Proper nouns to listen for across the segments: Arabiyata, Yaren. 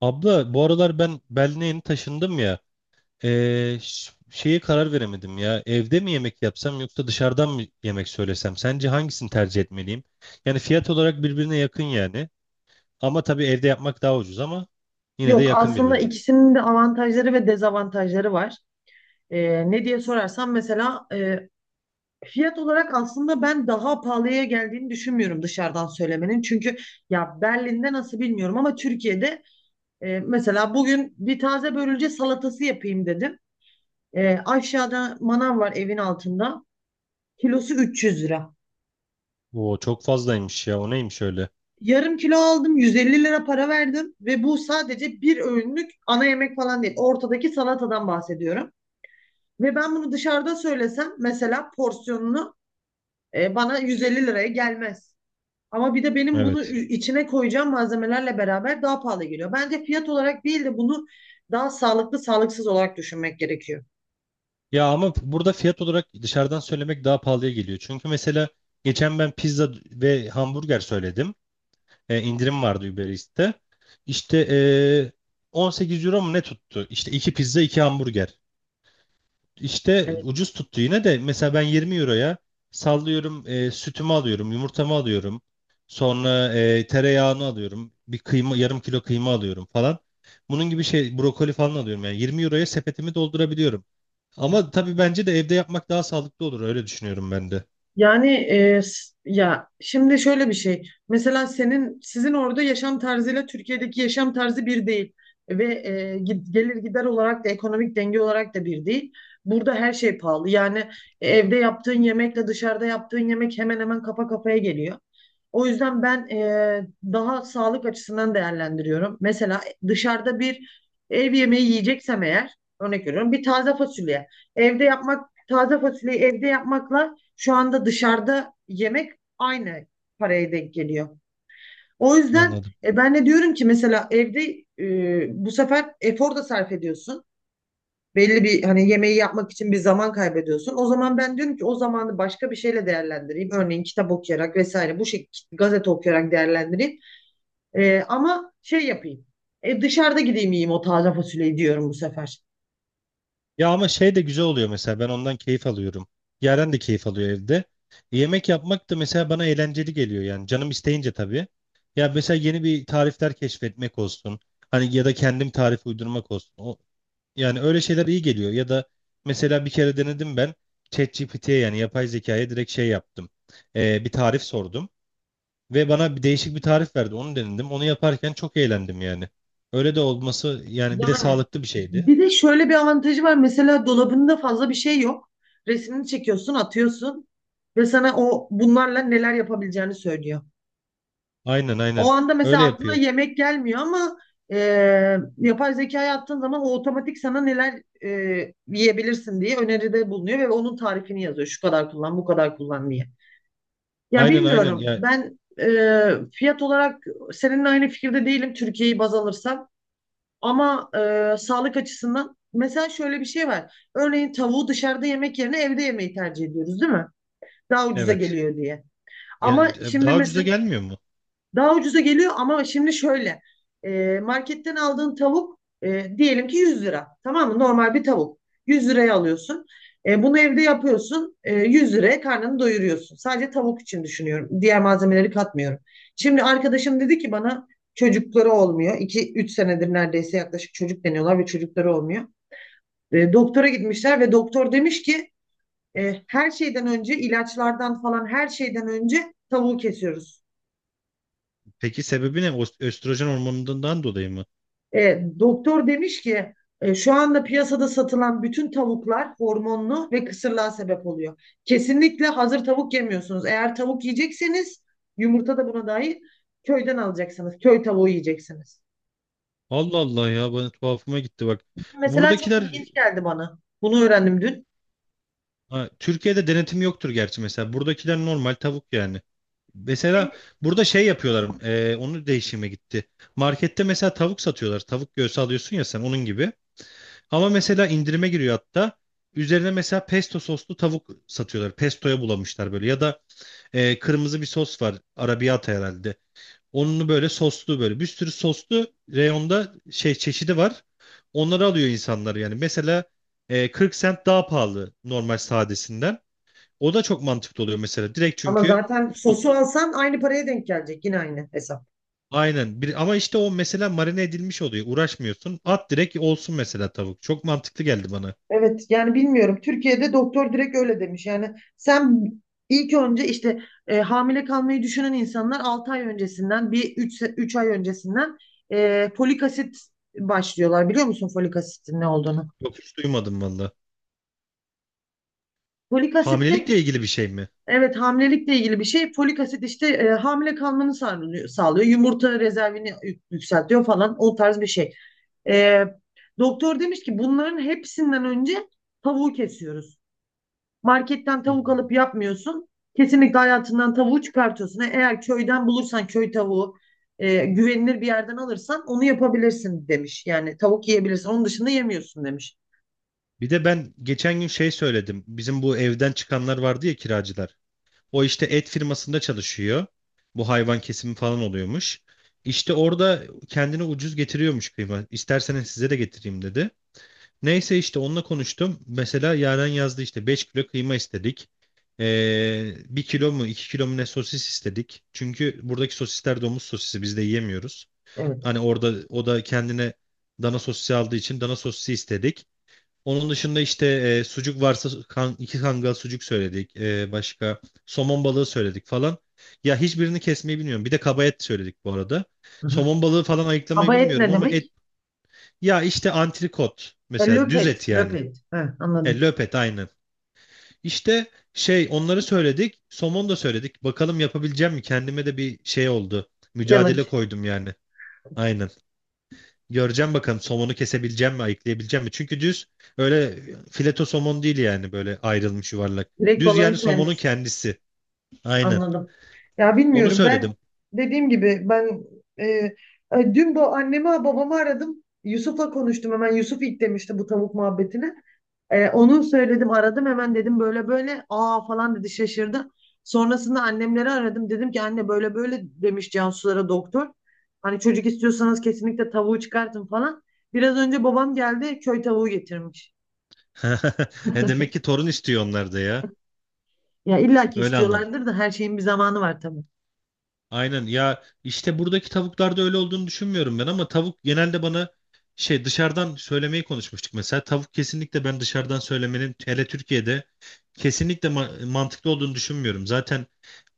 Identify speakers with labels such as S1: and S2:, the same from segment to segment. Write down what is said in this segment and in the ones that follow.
S1: Abla bu aralar ben Berlin'e yeni taşındım ya. Şeye karar veremedim ya. Evde mi yemek yapsam yoksa dışarıdan mı yemek söylesem? Sence hangisini tercih etmeliyim? Yani fiyat olarak birbirine yakın yani. Ama tabii evde yapmak daha ucuz ama yine de
S2: Yok
S1: yakın
S2: aslında
S1: birbirine.
S2: ikisinin de avantajları ve dezavantajları var. Ne diye sorarsan mesela fiyat olarak aslında ben daha pahalıya geldiğini düşünmüyorum dışarıdan söylemenin. Çünkü ya Berlin'de nasıl bilmiyorum ama Türkiye'de mesela bugün bir taze börülce salatası yapayım dedim. Aşağıda manav var evin altında. Kilosu 300 lira.
S1: Oo çok fazlaymış ya. O neymiş öyle?
S2: Yarım kilo aldım 150 lira para verdim ve bu sadece bir öğünlük ana yemek falan değil. Ortadaki salatadan bahsediyorum. Ve ben bunu dışarıda söylesem mesela porsiyonunu bana 150 liraya gelmez. Ama bir de benim bunu
S1: Evet.
S2: içine koyacağım malzemelerle beraber daha pahalı geliyor. Bence fiyat olarak değil de bunu daha sağlıklı sağlıksız olarak düşünmek gerekiyor.
S1: Ya ama burada fiyat olarak dışarıdan söylemek daha pahalıya geliyor. Çünkü mesela geçen ben pizza ve hamburger söyledim. İndirim vardı Uber Eats'te. İşte e, 18 euro mu ne tuttu? İşte iki pizza iki hamburger. İşte
S2: Evet.
S1: ucuz tuttu yine de mesela ben 20 euroya sallıyorum, sütümü alıyorum yumurtamı alıyorum. Sonra tereyağını alıyorum bir kıyma yarım kilo kıyma alıyorum falan. Bunun gibi şey brokoli falan alıyorum yani 20 euroya sepetimi doldurabiliyorum. Ama tabii bence de evde yapmak daha sağlıklı olur öyle düşünüyorum ben de.
S2: Yani ya şimdi şöyle bir şey. Mesela senin sizin orada yaşam tarzıyla Türkiye'deki yaşam tarzı bir değil ve gelir gider olarak da ekonomik denge olarak da bir değil. Burada her şey pahalı. Yani evde yaptığın yemekle dışarıda yaptığın yemek hemen hemen kafa kafaya geliyor. O yüzden ben daha sağlık açısından değerlendiriyorum. Mesela dışarıda bir ev yemeği yiyeceksem eğer örnek veriyorum bir taze fasulye. Evde yapmak taze fasulyeyi evde yapmakla şu anda dışarıda yemek aynı paraya denk geliyor. O yüzden
S1: Anladım.
S2: ben de diyorum ki mesela evde bu sefer efor da sarf ediyorsun. Belli bir hani yemeği yapmak için bir zaman kaybediyorsun. O zaman ben diyorum ki o zamanı başka bir şeyle değerlendireyim. Örneğin kitap okuyarak vesaire bu şekilde gazete okuyarak değerlendireyim. Ama şey yapayım. Dışarıda gideyim yiyeyim o taze fasulyeyi diyorum bu sefer.
S1: Ya ama şey de güzel oluyor mesela ben ondan keyif alıyorum. Yaren de keyif alıyor evde. Yemek yapmak da mesela bana eğlenceli geliyor yani canım isteyince tabii. Ya mesela yeni bir tarifler keşfetmek olsun. Hani ya da kendim tarif uydurmak olsun. O, yani öyle şeyler iyi geliyor. Ya da mesela bir kere denedim ben ChatGPT'ye yani yapay zekaya direkt şey yaptım. Bir tarif sordum ve bana bir değişik bir tarif verdi. Onu denedim. Onu yaparken çok eğlendim yani. Öyle de olması yani bir de
S2: Yani
S1: sağlıklı bir şeydi.
S2: bir de şöyle bir avantajı var. Mesela dolabında fazla bir şey yok. Resmini çekiyorsun, atıyorsun ve sana o bunlarla neler yapabileceğini söylüyor.
S1: Aynen, aynen.
S2: O anda mesela
S1: Öyle
S2: aklına
S1: yapıyor.
S2: yemek gelmiyor ama e, yapay zekaya attığın zaman o otomatik sana neler yiyebilirsin diye öneride bulunuyor ve onun tarifini yazıyor. Şu kadar kullan, bu kadar kullan diye. Ya
S1: Aynen, aynen
S2: bilmiyorum.
S1: ya,
S2: Ben fiyat olarak seninle aynı fikirde değilim Türkiye'yi baz alırsam. Ama sağlık açısından mesela şöyle bir şey var. Örneğin tavuğu dışarıda yemek yerine evde yemeyi tercih ediyoruz, değil mi? Daha ucuza
S1: evet.
S2: geliyor diye. Ama
S1: Gene-
S2: şimdi
S1: Daha ucuza
S2: mesela
S1: gelmiyor mu?
S2: daha ucuza geliyor ama şimdi şöyle marketten aldığın tavuk diyelim ki 100 lira tamam mı? Normal bir tavuk 100 liraya alıyorsun. Bunu evde yapıyorsun 100 liraya karnını doyuruyorsun. Sadece tavuk için düşünüyorum diğer malzemeleri katmıyorum. Şimdi arkadaşım dedi ki bana çocukları olmuyor. 2-3 senedir neredeyse yaklaşık çocuk deniyorlar ve çocukları olmuyor. Doktora gitmişler ve doktor demiş ki her şeyden önce ilaçlardan falan her şeyden önce tavuğu kesiyoruz.
S1: Peki sebebi ne? Östrojen hormonundan dolayı mı?
S2: Doktor demiş ki şu anda piyasada satılan bütün tavuklar hormonlu ve kısırlığa sebep oluyor. Kesinlikle hazır tavuk yemiyorsunuz. Eğer tavuk yiyecekseniz yumurta da buna dahil köyden alacaksınız. Köy tavuğu yiyeceksiniz.
S1: Allah Allah ya bana tuhafıma gitti bak.
S2: Mesela çok
S1: Buradakiler
S2: ilginç geldi bana. Bunu öğrendim dün.
S1: ha, Türkiye'de denetim yoktur gerçi mesela. Buradakiler normal tavuk yani. Mesela burada şey yapıyorlar. Onu değişime gitti. Markette mesela tavuk satıyorlar. Tavuk göğsü alıyorsun ya sen onun gibi. Ama mesela indirime giriyor hatta. Üzerine mesela pesto soslu tavuk satıyorlar. Pestoya bulamışlar böyle. Ya da kırmızı bir sos var. Arabiyata herhalde. Onunu böyle soslu böyle bir sürü soslu reyonda şey çeşidi var. Onları alıyor insanlar yani. Mesela 40 sent daha pahalı normal sadesinden. O da çok mantıklı oluyor mesela. Direkt
S2: Ama
S1: çünkü
S2: zaten sosu
S1: sosunu
S2: alsan aynı paraya denk gelecek. Yine aynı hesap.
S1: aynen. Bir, ama işte o mesela marine edilmiş oluyor. Uğraşmıyorsun. At direkt olsun mesela tavuk. Çok mantıklı geldi bana.
S2: Evet yani bilmiyorum. Türkiye'de doktor direkt öyle demiş. Yani sen ilk önce işte hamile kalmayı düşünen insanlar 6 ay öncesinden bir üç ay öncesinden folik asit başlıyorlar. Biliyor musun folik asitin ne olduğunu?
S1: Yok hiç duymadım valla.
S2: Folik asit de
S1: Hamilelikle ilgili bir şey mi?
S2: evet hamilelikle ilgili bir şey. Folik asit işte hamile kalmanı sağlıyor, sağlıyor. Yumurta rezervini yükseltiyor falan o tarz bir şey. E, Doktor demiş ki bunların hepsinden önce tavuğu kesiyoruz. Marketten tavuk
S1: Hmm.
S2: alıp yapmıyorsun. Kesinlikle hayatından tavuğu çıkartıyorsun. Eğer köyden bulursan köy tavuğu güvenilir bir yerden alırsan onu yapabilirsin demiş. Yani tavuk yiyebilirsin. Onun dışında yemiyorsun demiş.
S1: Bir de ben geçen gün şey söyledim. Bizim bu evden çıkanlar vardı ya kiracılar. O işte et firmasında çalışıyor. Bu hayvan kesimi falan oluyormuş. İşte orada kendine ucuz getiriyormuş kıyma. İsterseniz size de getireyim dedi. Neyse işte onunla konuştum. Mesela Yaren yazdı işte 5 kilo kıyma istedik. 1 kilo mu 2 kilo mu ne sosis istedik. Çünkü buradaki sosisler domuz sosisi biz de yiyemiyoruz.
S2: Evet.
S1: Hani orada o da kendine dana sosisi aldığı için dana sosisi istedik. Onun dışında işte sucuk varsa kan, iki kangal sucuk söyledik. Başka somon balığı söyledik falan. Ya hiçbirini kesmeyi bilmiyorum. Bir de kaba et söyledik bu arada.
S2: Hı hı.
S1: Somon balığı falan ayıklamayı
S2: Kaba et
S1: bilmiyorum
S2: ne
S1: ama et.
S2: demek?
S1: Ya işte antrikot mesela
S2: Löp
S1: düz
S2: et.
S1: et
S2: Löp
S1: yani.
S2: et. He, anladım.
S1: Löp et aynen. İşte şey onları söyledik. Somon da söyledik. Bakalım yapabileceğim mi? Kendime de bir şey oldu. Mücadele
S2: Challenge.
S1: koydum yani. Aynen. Göreceğim bakalım somonu kesebileceğim mi, ayıklayabileceğim mi? Çünkü düz öyle fileto somon değil yani böyle ayrılmış yuvarlak.
S2: Direkt
S1: Düz
S2: balığın
S1: yani somonun
S2: kendisi.
S1: kendisi. Aynen.
S2: Anladım. Ya
S1: Onu
S2: bilmiyorum ben
S1: söyledim.
S2: dediğim gibi ben e, e, dün bu annemi babamı aradım. Yusuf'la konuştum hemen. Yusuf ilk demişti bu tavuk muhabbetine. Onu söyledim aradım hemen dedim böyle böyle aa falan dedi şaşırdı. Sonrasında annemleri aradım dedim ki anne böyle böyle demiş Cansulara doktor. Hani çocuk istiyorsanız kesinlikle tavuğu çıkartın falan. Biraz önce babam geldi köy tavuğu getirmiş.
S1: Demek ki torun istiyor onlar da ya.
S2: Ya illa ki
S1: Öyle anladım.
S2: istiyorlardır da her şeyin bir zamanı var tabii.
S1: Aynen ya işte buradaki tavuklarda öyle olduğunu düşünmüyorum ben ama tavuk genelde bana şey dışarıdan söylemeyi konuşmuştuk mesela. Tavuk kesinlikle ben dışarıdan söylemenin hele Türkiye'de kesinlikle mantıklı olduğunu düşünmüyorum. Zaten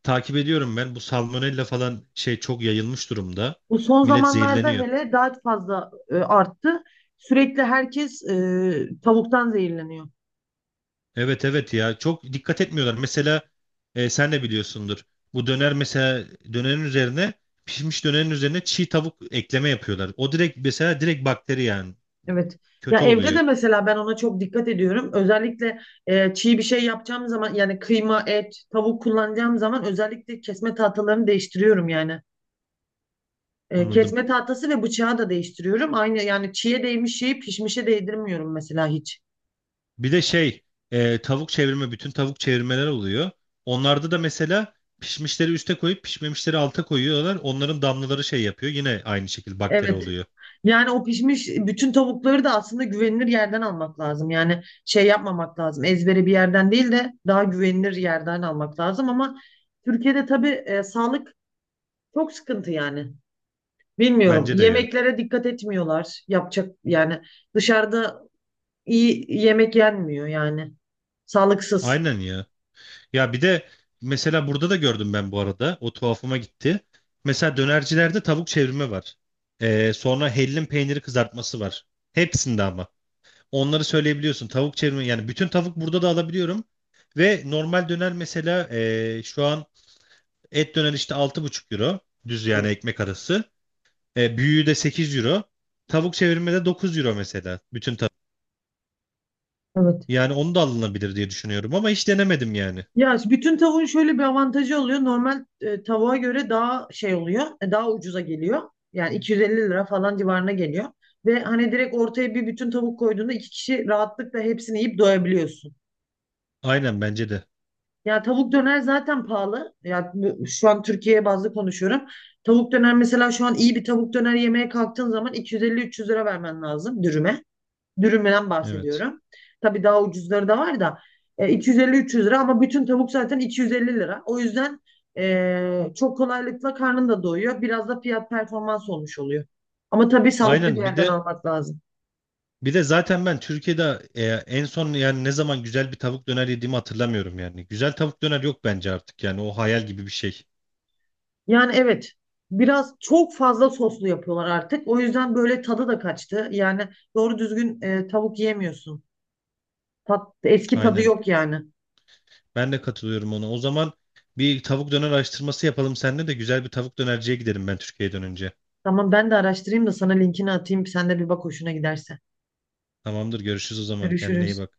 S1: takip ediyorum ben. Bu salmonella falan şey çok yayılmış durumda.
S2: Bu son
S1: Millet
S2: zamanlarda
S1: zehirleniyor.
S2: hele daha fazla arttı. Sürekli herkes tavuktan zehirleniyor.
S1: Evet, evet ya çok dikkat etmiyorlar. Mesela sen de biliyorsundur. Bu döner mesela dönerin üzerine pişmiş dönerin üzerine çiğ tavuk ekleme yapıyorlar. O direkt mesela direkt bakteri yani.
S2: Evet. Ya
S1: Kötü
S2: evde
S1: oluyor.
S2: de mesela ben ona çok dikkat ediyorum. Özellikle çiğ bir şey yapacağım zaman yani kıyma, et, tavuk kullanacağım zaman özellikle kesme tahtalarını değiştiriyorum yani.
S1: Anladım.
S2: Kesme tahtası ve bıçağı da değiştiriyorum. Aynı yani çiğe değmiş şeyi pişmişe değdirmiyorum mesela hiç.
S1: Bir de şey tavuk çevirme bütün tavuk çevirmeler oluyor. Onlarda da mesela pişmişleri üste koyup pişmemişleri alta koyuyorlar. Onların damlaları şey yapıyor. Yine aynı şekilde bakteri
S2: Evet.
S1: oluyor.
S2: Yani o pişmiş bütün tavukları da aslında güvenilir yerden almak lazım. Yani şey yapmamak lazım. Ezbere bir yerden değil de daha güvenilir yerden almak lazım ama Türkiye'de tabii sağlık çok sıkıntı yani. Bilmiyorum.
S1: Bence de ya.
S2: Yemeklere dikkat etmiyorlar. Yapacak yani dışarıda iyi yemek yenmiyor yani. Sağlıksız.
S1: Aynen ya. Ya bir de mesela burada da gördüm ben bu arada. O tuhafıma gitti. Mesela dönercilerde tavuk çevirme var. Sonra hellim peyniri kızartması var. Hepsinde ama. Onları söyleyebiliyorsun. Tavuk çevirme yani bütün tavuk burada da alabiliyorum. Ve normal döner mesela şu an et döner işte 6,5 euro. Düz yani
S2: Evet.
S1: ekmek arası. Büyüğü de 8 euro. Tavuk çevirme de 9 euro mesela. Bütün tavuk.
S2: Evet.
S1: Yani onu da alınabilir diye düşünüyorum ama hiç denemedim yani.
S2: Ya işte bütün tavuğun şöyle bir avantajı oluyor. Normal tavuğa göre daha şey oluyor. Daha ucuza geliyor. Yani 250 lira falan civarına geliyor. Ve hani direkt ortaya bir bütün tavuk koyduğunda iki kişi rahatlıkla hepsini yiyip doyabiliyorsun.
S1: Aynen bence de.
S2: Ya tavuk döner zaten pahalı. Ya şu an Türkiye bazlı konuşuyorum. Tavuk döner mesela şu an iyi bir tavuk döner yemeye kalktığın zaman 250-300 lira vermen lazım dürüme. Dürümden
S1: Evet.
S2: bahsediyorum. Tabii daha ucuzları da var da 250-300 lira ama bütün tavuk zaten 250 lira. O yüzden çok kolaylıkla karnın da doyuyor. Biraz da fiyat performans olmuş oluyor. Ama tabii sağlıklı bir
S1: Aynen bir
S2: yerden
S1: de
S2: almak lazım.
S1: Zaten ben Türkiye'de en son yani ne zaman güzel bir tavuk döner yediğimi hatırlamıyorum yani. Güzel tavuk döner yok bence artık yani o hayal gibi bir şey.
S2: Yani evet. Biraz çok fazla soslu yapıyorlar artık. O yüzden böyle tadı da kaçtı. Yani doğru düzgün tavuk yiyemiyorsun. Tat, eski tadı
S1: Aynen.
S2: yok yani.
S1: Ben de katılıyorum ona. O zaman bir tavuk döner araştırması yapalım seninle de güzel bir tavuk dönerciye gidelim ben Türkiye'ye dönünce.
S2: Tamam ben de araştırayım da sana linkini atayım. Sen de bir bak hoşuna giderse.
S1: Tamamdır, görüşürüz o zaman. Kendine iyi
S2: Görüşürüz.
S1: bak.